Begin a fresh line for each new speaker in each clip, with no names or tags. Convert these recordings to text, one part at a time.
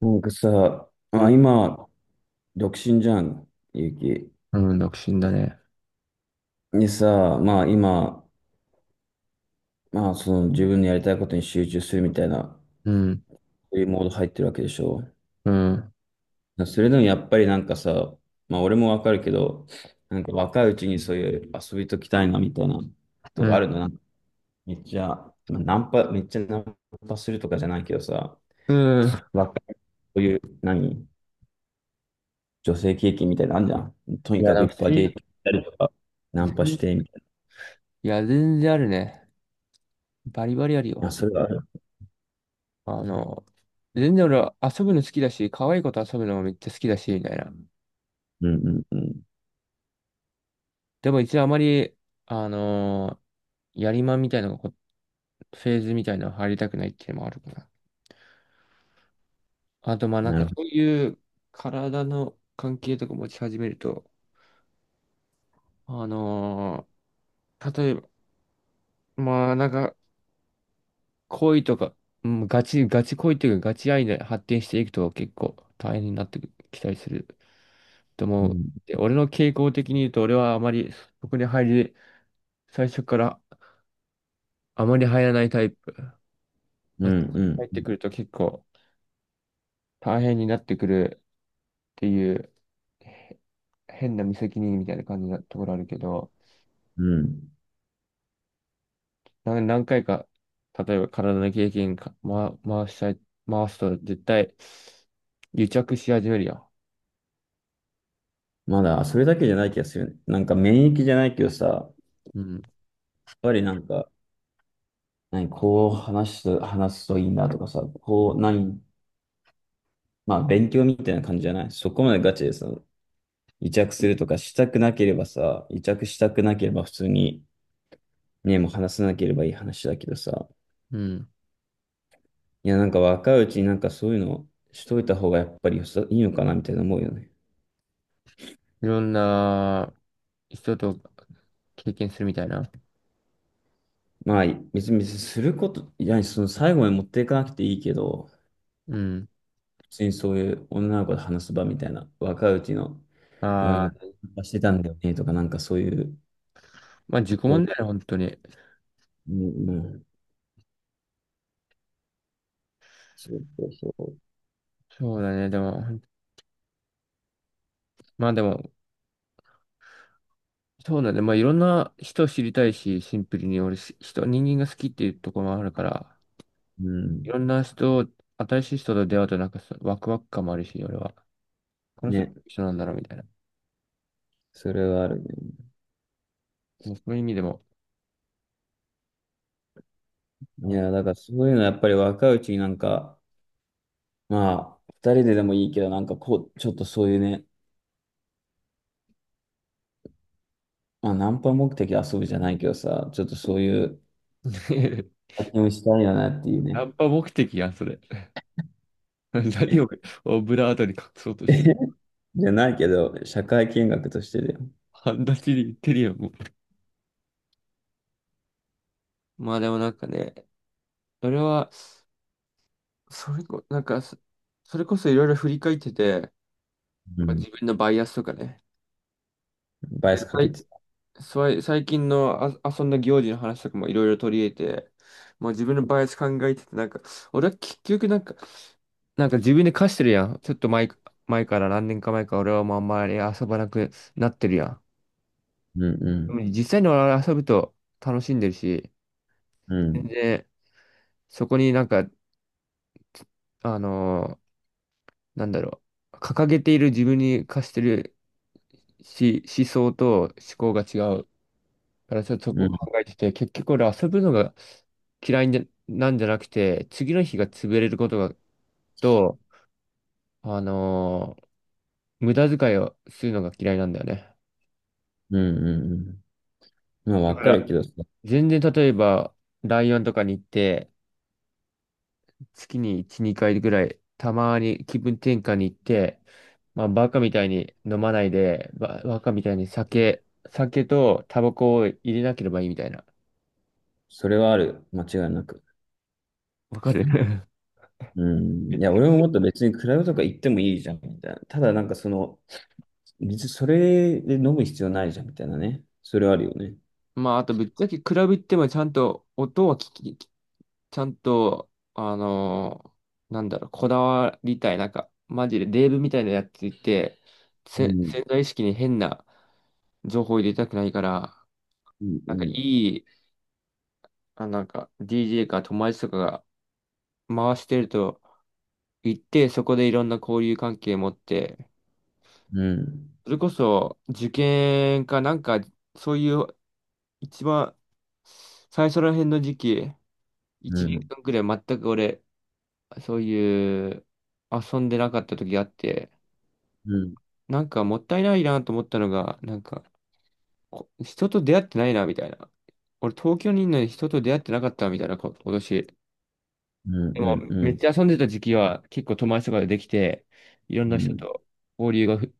なんかさ、
う
まあ
ん、
今、独身じゃん、ゆうき。
うん、独身だね。
でさ、まあ今、まあその自分のやりたいことに集中するみたいな、
うん、
そういうモード入ってるわけでしょ。
うん、
それでもやっぱりなんかさ、まあ俺もわかるけど、なんか若いうちにそういう遊びときたいなみたいな
う
とか
ん、
あるの、なんかめっちゃ、まあナンパ、めっちゃナンパするとかじゃないけどさ、
うん。
若い、そういう、何、女性経験みたいなのあるじゃん。と
い
に
や、
か
で
くい
も
っ
普
ぱ
通
いデ
に、
ート行ったりとか、ナンパ
全
してみたい
いや、全然あるね。バリバリある
な。あ、
よ。
それはある。
あの、全然俺は遊ぶの好きだし、可愛い子と遊ぶのもめっちゃ好きだし、みたいな。
うんうんうん。
でも一応あまり、あのやりまんみたいなのがこう、フェーズみたいなの入りたくないっていうのもあるかな。あと、まあなん
な
か
るほ
そう
ど。
いう体の関係とか持ち始めると、あの例えば、まあなんか、恋とか、うん、ガチ恋というか、ガチ愛で発展していくと結構大変になってきたりすると
う
思う。
ん
で、俺の傾向的に言うと、俺はあまりそこに入り、最初からあまり入らないタイプ。
う
あ
ん
入っ
う
て
ん
くると結構大変になってくるっていう、へ変な無責任みたいな感じなところあるけど、
うん。
何回か、例えば体の経験か、回したい、回すと絶対癒着し始めるよ。
まだ、それだけじゃない気がするよね。なんか免疫じゃないけどさ、やっ
うん。
ぱりなんか、何、こう話すといいなとかさ、こう、何、まあ勉強みたいな感じじゃないそこまでガチでさ、癒着するとかしたくなければさ、癒着したくなければ普通に、ね、もう話さなければいい話だけどさ、
うん。
いや、なんか若いうちになんかそういうのしといた方がやっぱりよさいいのかなみたいな思うよね。
いろんな人と経験するみたいな。
まあ、別に、別にすること、いや、その最後まで持っていかなくていいけど、
うん。
普通にそういう女の子と話す場みたいな、若いうちの、いや、俺も
ああ、
してたんだよね、とか、なんかそういう、
まあ自己
そ
問
う、
題だよね、本当に。
うん、うん、そうそうそ
そうだね、でも、まあでも、そうだね、まあいろんな人を知りたいし、シンプルに俺、し人、人間が好きっていうところもあるから、
う、うん、
いろんな人、新しい人と出会うとなんかワクワク感もあるし、俺は。この人
ね、
一緒なんだろうみたいな。
それはあるね。
もうそういう意味でも。
い
あ
や、だからそういうのはやっぱり若いうちになんか、まあ、二人ででもいいけど、なんかこう、ちょっとそういうね、まあ、ナンパ目的で遊ぶじゃないけどさ、ちょっとそういう 体験をしたいよなっていう
ナ
ね。
ンパ目的やん、それ。何をオブラートに隠そうとしてる。
じゃないけど、社会見学としてだよ。
半立ちに言ってるよ、もう。まあでもなんかね、それは、それこ、なんか、そそれこそいろいろ振り返ってて、
う
まあ、
ん。
自分のバイアスとかね。
バイ
で
アスかけてた。
最近の遊んだ行事の話とかもいろいろ取り入れて、まあ、自分のバイアス考えてて、なんか、俺は結局なんか、なんか自分で課してるやん。ちょっと前から何年か前から俺はもうあんまり遊ばなくなってるやん。
うんう
でも
ん。
実際に俺は遊ぶと楽しんでるし、
う
全
ん。
然そこになんか、あのーなんだろう、掲げている自分に課してるし、思想と思考が違うから、ちょっとそ
う
こを
ん。
考えてて、結局俺遊ぶのが嫌いでなんじゃなくて、次の日が潰れることが、と、あのー無駄遣いをするのが嫌いなんだよね。
うんうん。まあ、
だ
わ
か
かる
ら、
けど、そ、
全然例えば、ライオンとかに行って、月に1、2回ぐらい、たまに気分転換に行って、まあ、バカみたいに飲まないで、バカみたいに酒とタバコを入れなければいいみたいな。
それはある。間違いなく。
わかる
うん。いや、俺ももっと別にクラブとか行ってもいいじゃん、みたいな。ただ、なんかその、別にそれで飲む必要ないじゃん、みたいなね。それはあるよね。
まあ、あとぶっちゃけクラブ行ってもちゃんと音は聞き、ちゃんと、なんだろう、こだわりたい、なんか、マジでデーブみたいなやついて、
うん。
潜在意識に変な情報を入れたくないから、
うん。う
なんかい
ん。
い、なんか DJ か友達とかが回してると行って、そこでいろんな交流関係持って、
うん。
それこそ受験かなんか、そういう一番最初ら辺の時期、1
う
年
ん。
間くらい全く俺、そういう遊んでなかった時があって、
うん。
なんかもったいないなと思ったのが、なんか人と出会ってないなみたいな。俺東京にいるのに人と出会ってなかったみたいなこ、今年。
う
で
ん。う
も
ん。う
めっ
ん
ちゃ遊んでた時期は結構友達とかでできて、いろん
う
な人
ん、
と交流がふ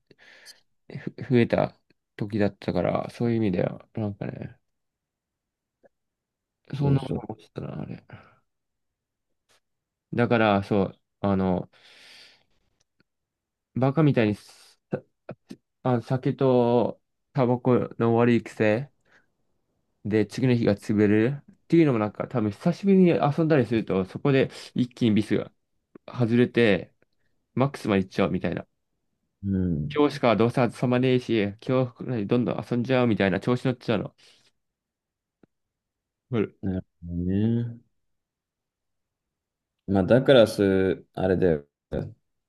ふ増えた時だったから、そういう意味では、なんかね、そ
そ
ん
う
なこ
そ
と
う。
思ってたな、あれ。だからそう、バカみたいにさあ酒とタバコの悪い癖。で、次の日が潰れるっていうのもなんか多分久しぶりに遊んだりすると、そこで一気にビスが外れて、マックスまで行っちゃうみたいな。
うん。
今日しかどうせ遊ばねえし、今日くらいどんどん遊んじゃうみたいな調子乗っちゃうの。うん。
なるほどね。まあ、だからす、あれだよ。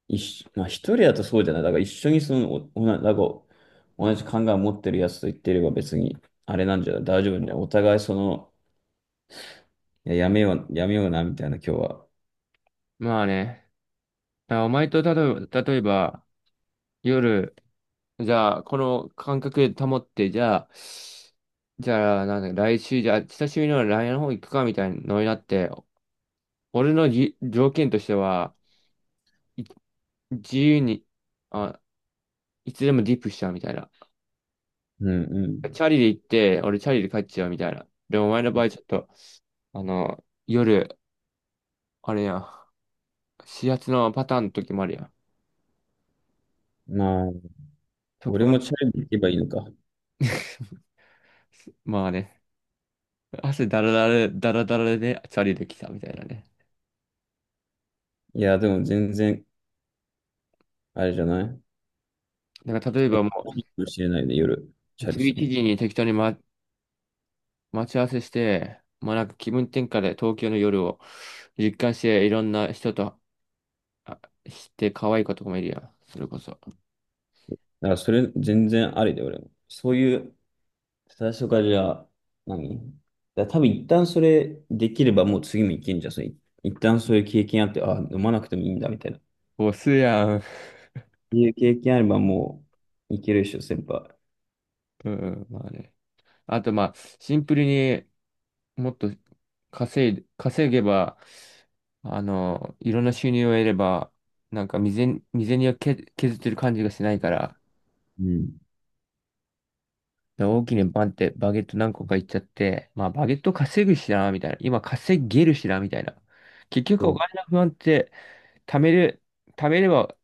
一緒、まあ、一人だとそうじゃない。だから一緒にその、お、おな、だか、同じ考えを持ってるやつと言ってれば別に、あれなんじゃない大丈夫ね。お互いその、いや、やめよう、やめような、みたいな、今日は。
まあね、だからお前と例えば夜、じゃあこの感覚で保って、じゃあなんだ、来週、じゃあ久しぶりのライ n の方行くかみたいなのになって、俺の条件としては、い自由に、あいつでもディップしちゃうみたいな。
うんうん。
チャリで行って、俺チャリで帰っちゃうみたいな。でもお前の場合ちょっと、あの、夜、あれや、指圧のパターンの時もあるやん。
まあ、
そこ
俺もチ
は
ャレンジ行けばいいのか。
まあね、汗だらだら、だらだらでチャリで来たみたいなね。
いや、でも全然、あれじゃない普
なんか
通
例え
に行
ば
け
も
ばいかもしれないで、夜、
う、
チャレ
11
するの。だ
時に適当に、待ち合わせして、まあなんか気分転換で東京の夜を実感して、いろんな人と、あ、して可愛い子とかもいるやん。それこそ。
からそれ、全然ありで、俺も。そういう最初からじゃあ、何、だから多分一旦それできればもう次もいけんじゃん。それ一旦そういう経験あって、あ、飲まなくてもいいんだみたいな。っ
ボスやん。
ていう経験あればもういけるでしょ、先輩。
うん、まあね。あと、まあ、シンプルにもっと稼げば、あの、いろんな収入を得れば、なんか未然に削ってる感じがしないから、
うん。
大きなバンってバゲット何個かいっちゃって、まあ、バゲット稼ぐしな、みたいな。今稼げるしな、みたいな。結
そ
局お
う。
金の不安って、貯める、貯めれば、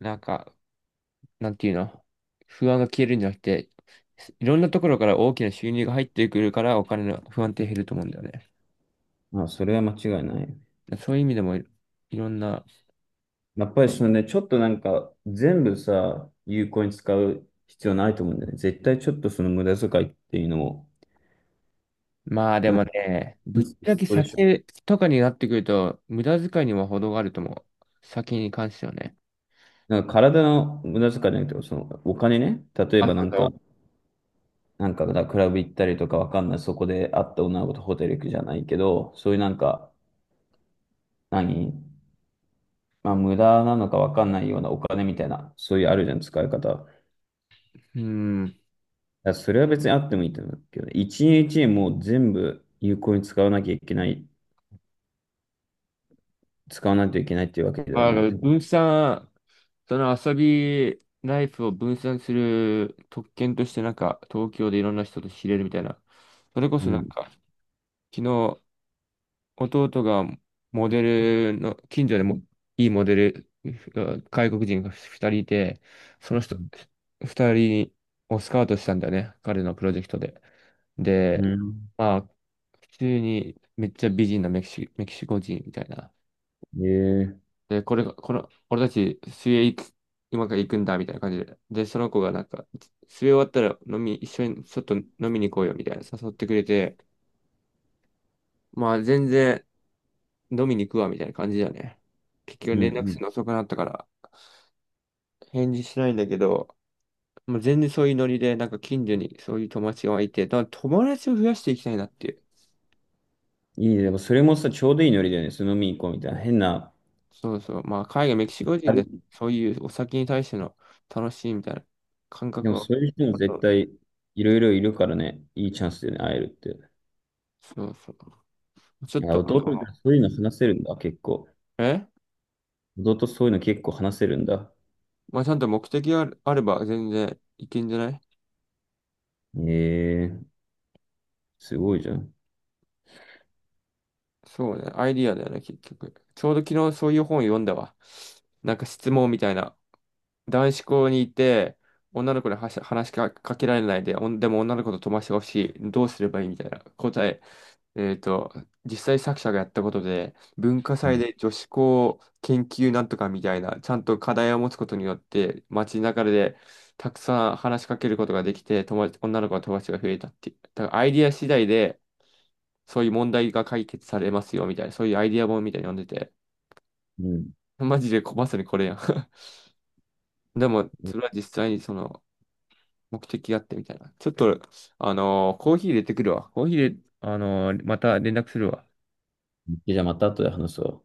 なんか、なんていうの、不安が消えるんじゃなくて、いろんなところから大きな収入が入ってくるから、お金の不安って減ると思うんだよね。
まあ、それは間違いない。
そういう意味でもいろんな、
やっぱりそのね、ちょっとなんか全部さ、有効に使う必要ないと思うんだよね。絶対ちょっとその無駄遣いっていうのも、
まあでもね、
う
ぶ
ん、
っ
そ
ちゃけ
うでしょ。
酒とかになってくると、無駄遣いには程があると思う。酒に関してはね。
なんか体の無駄遣いじゃなくて、そのお金ね。例え
あ、
ばな
そう
んか、
そ
なんか、だからクラブ行ったりとかわかんない。そこで会った女の子とホテル行くじゃないけど、そういうなんか、何、まあ、無駄なのかわかんないようなお金みたいな、そういうあるじゃん、使い方。だか
う。うん。
らそれは別にあってもいいと思うけどね、一円もう全部有効に使わなきゃいけない、使わないといけないっていうわけでは
あ
ない
の、
と思
分散、その遊びライフを分散する特権として、なんか、東京でいろんな人と知れるみたいな。それこ
う。う
そなん
ん。
か、昨日、弟がモデルの、近所でもいいモデル、が外国人が2人いて、その人、2人をスカウトしたんだよね、彼のプロジェクトで。
う
で、
ん。
まあ、普通にめっちゃ美人なメキシコ人みたいな。
うん、ええ、
で、これが、この、俺たち水泳行く、今から行くんだみたいな感じで。で、その子がなんか、水泳終わったら一緒にちょっと飲みに行こうよみたいな誘ってくれて、まあ全然、飲みに行くわ、みたいな感じだよね。結
う
局
ん
連絡
う
す
ん。
るの遅くなったから、返事しないんだけど、もう全然そういうノリで、なんか近所にそういう友達がいて、だから友達を増やしていきたいなっていう。
いいね。でもそれもさ、ちょうどいいノリだよね。その飲みに行こうみたいな。変な。
そうそう。まあ、海外、メキシコ
あ
人
れ、
で、そういうお酒に対しての楽しいみたいな感
で
覚
も
を、
そういう人も絶対いろいろいるからね。いいチャンスでね、会えるって。
そうそう。ちょっ
あ、
と、あ
弟って
の、
そういうの話せるんだ、結構。
え
弟そういうの結構話せるんだ。
まあ、ちゃんと目的があれば全然いけんじゃない。
ええ、すごいじゃん。
そうね。アイディアだよね、結局。ちょうど昨日そういう本読んだわ。なんか質問みたいな。男子校にいて、女の子には話しかけられないで、おんでも女の子と飛ばしてほしい。どうすればいいみたいな答え。えっと、実際作者がやったことで、文化
う
祭
ん。
で女子校研究なんとかみたいな、ちゃんと課題を持つことによって、街中でたくさん話しかけることができて、友達、女の子の友達が増えたっていう。だからアイディア次第で、そういう問題が解決されますよみたいな、そういうアイディア本みたいに読んでて、
うん。
マジでまさにこれやん。でも、それは実際にその、目的があってみたいな。ちょっと、コーヒー入れてくるわ。コーヒー入れ、あのーまた連絡するわ。
じゃあまた後で話すわ。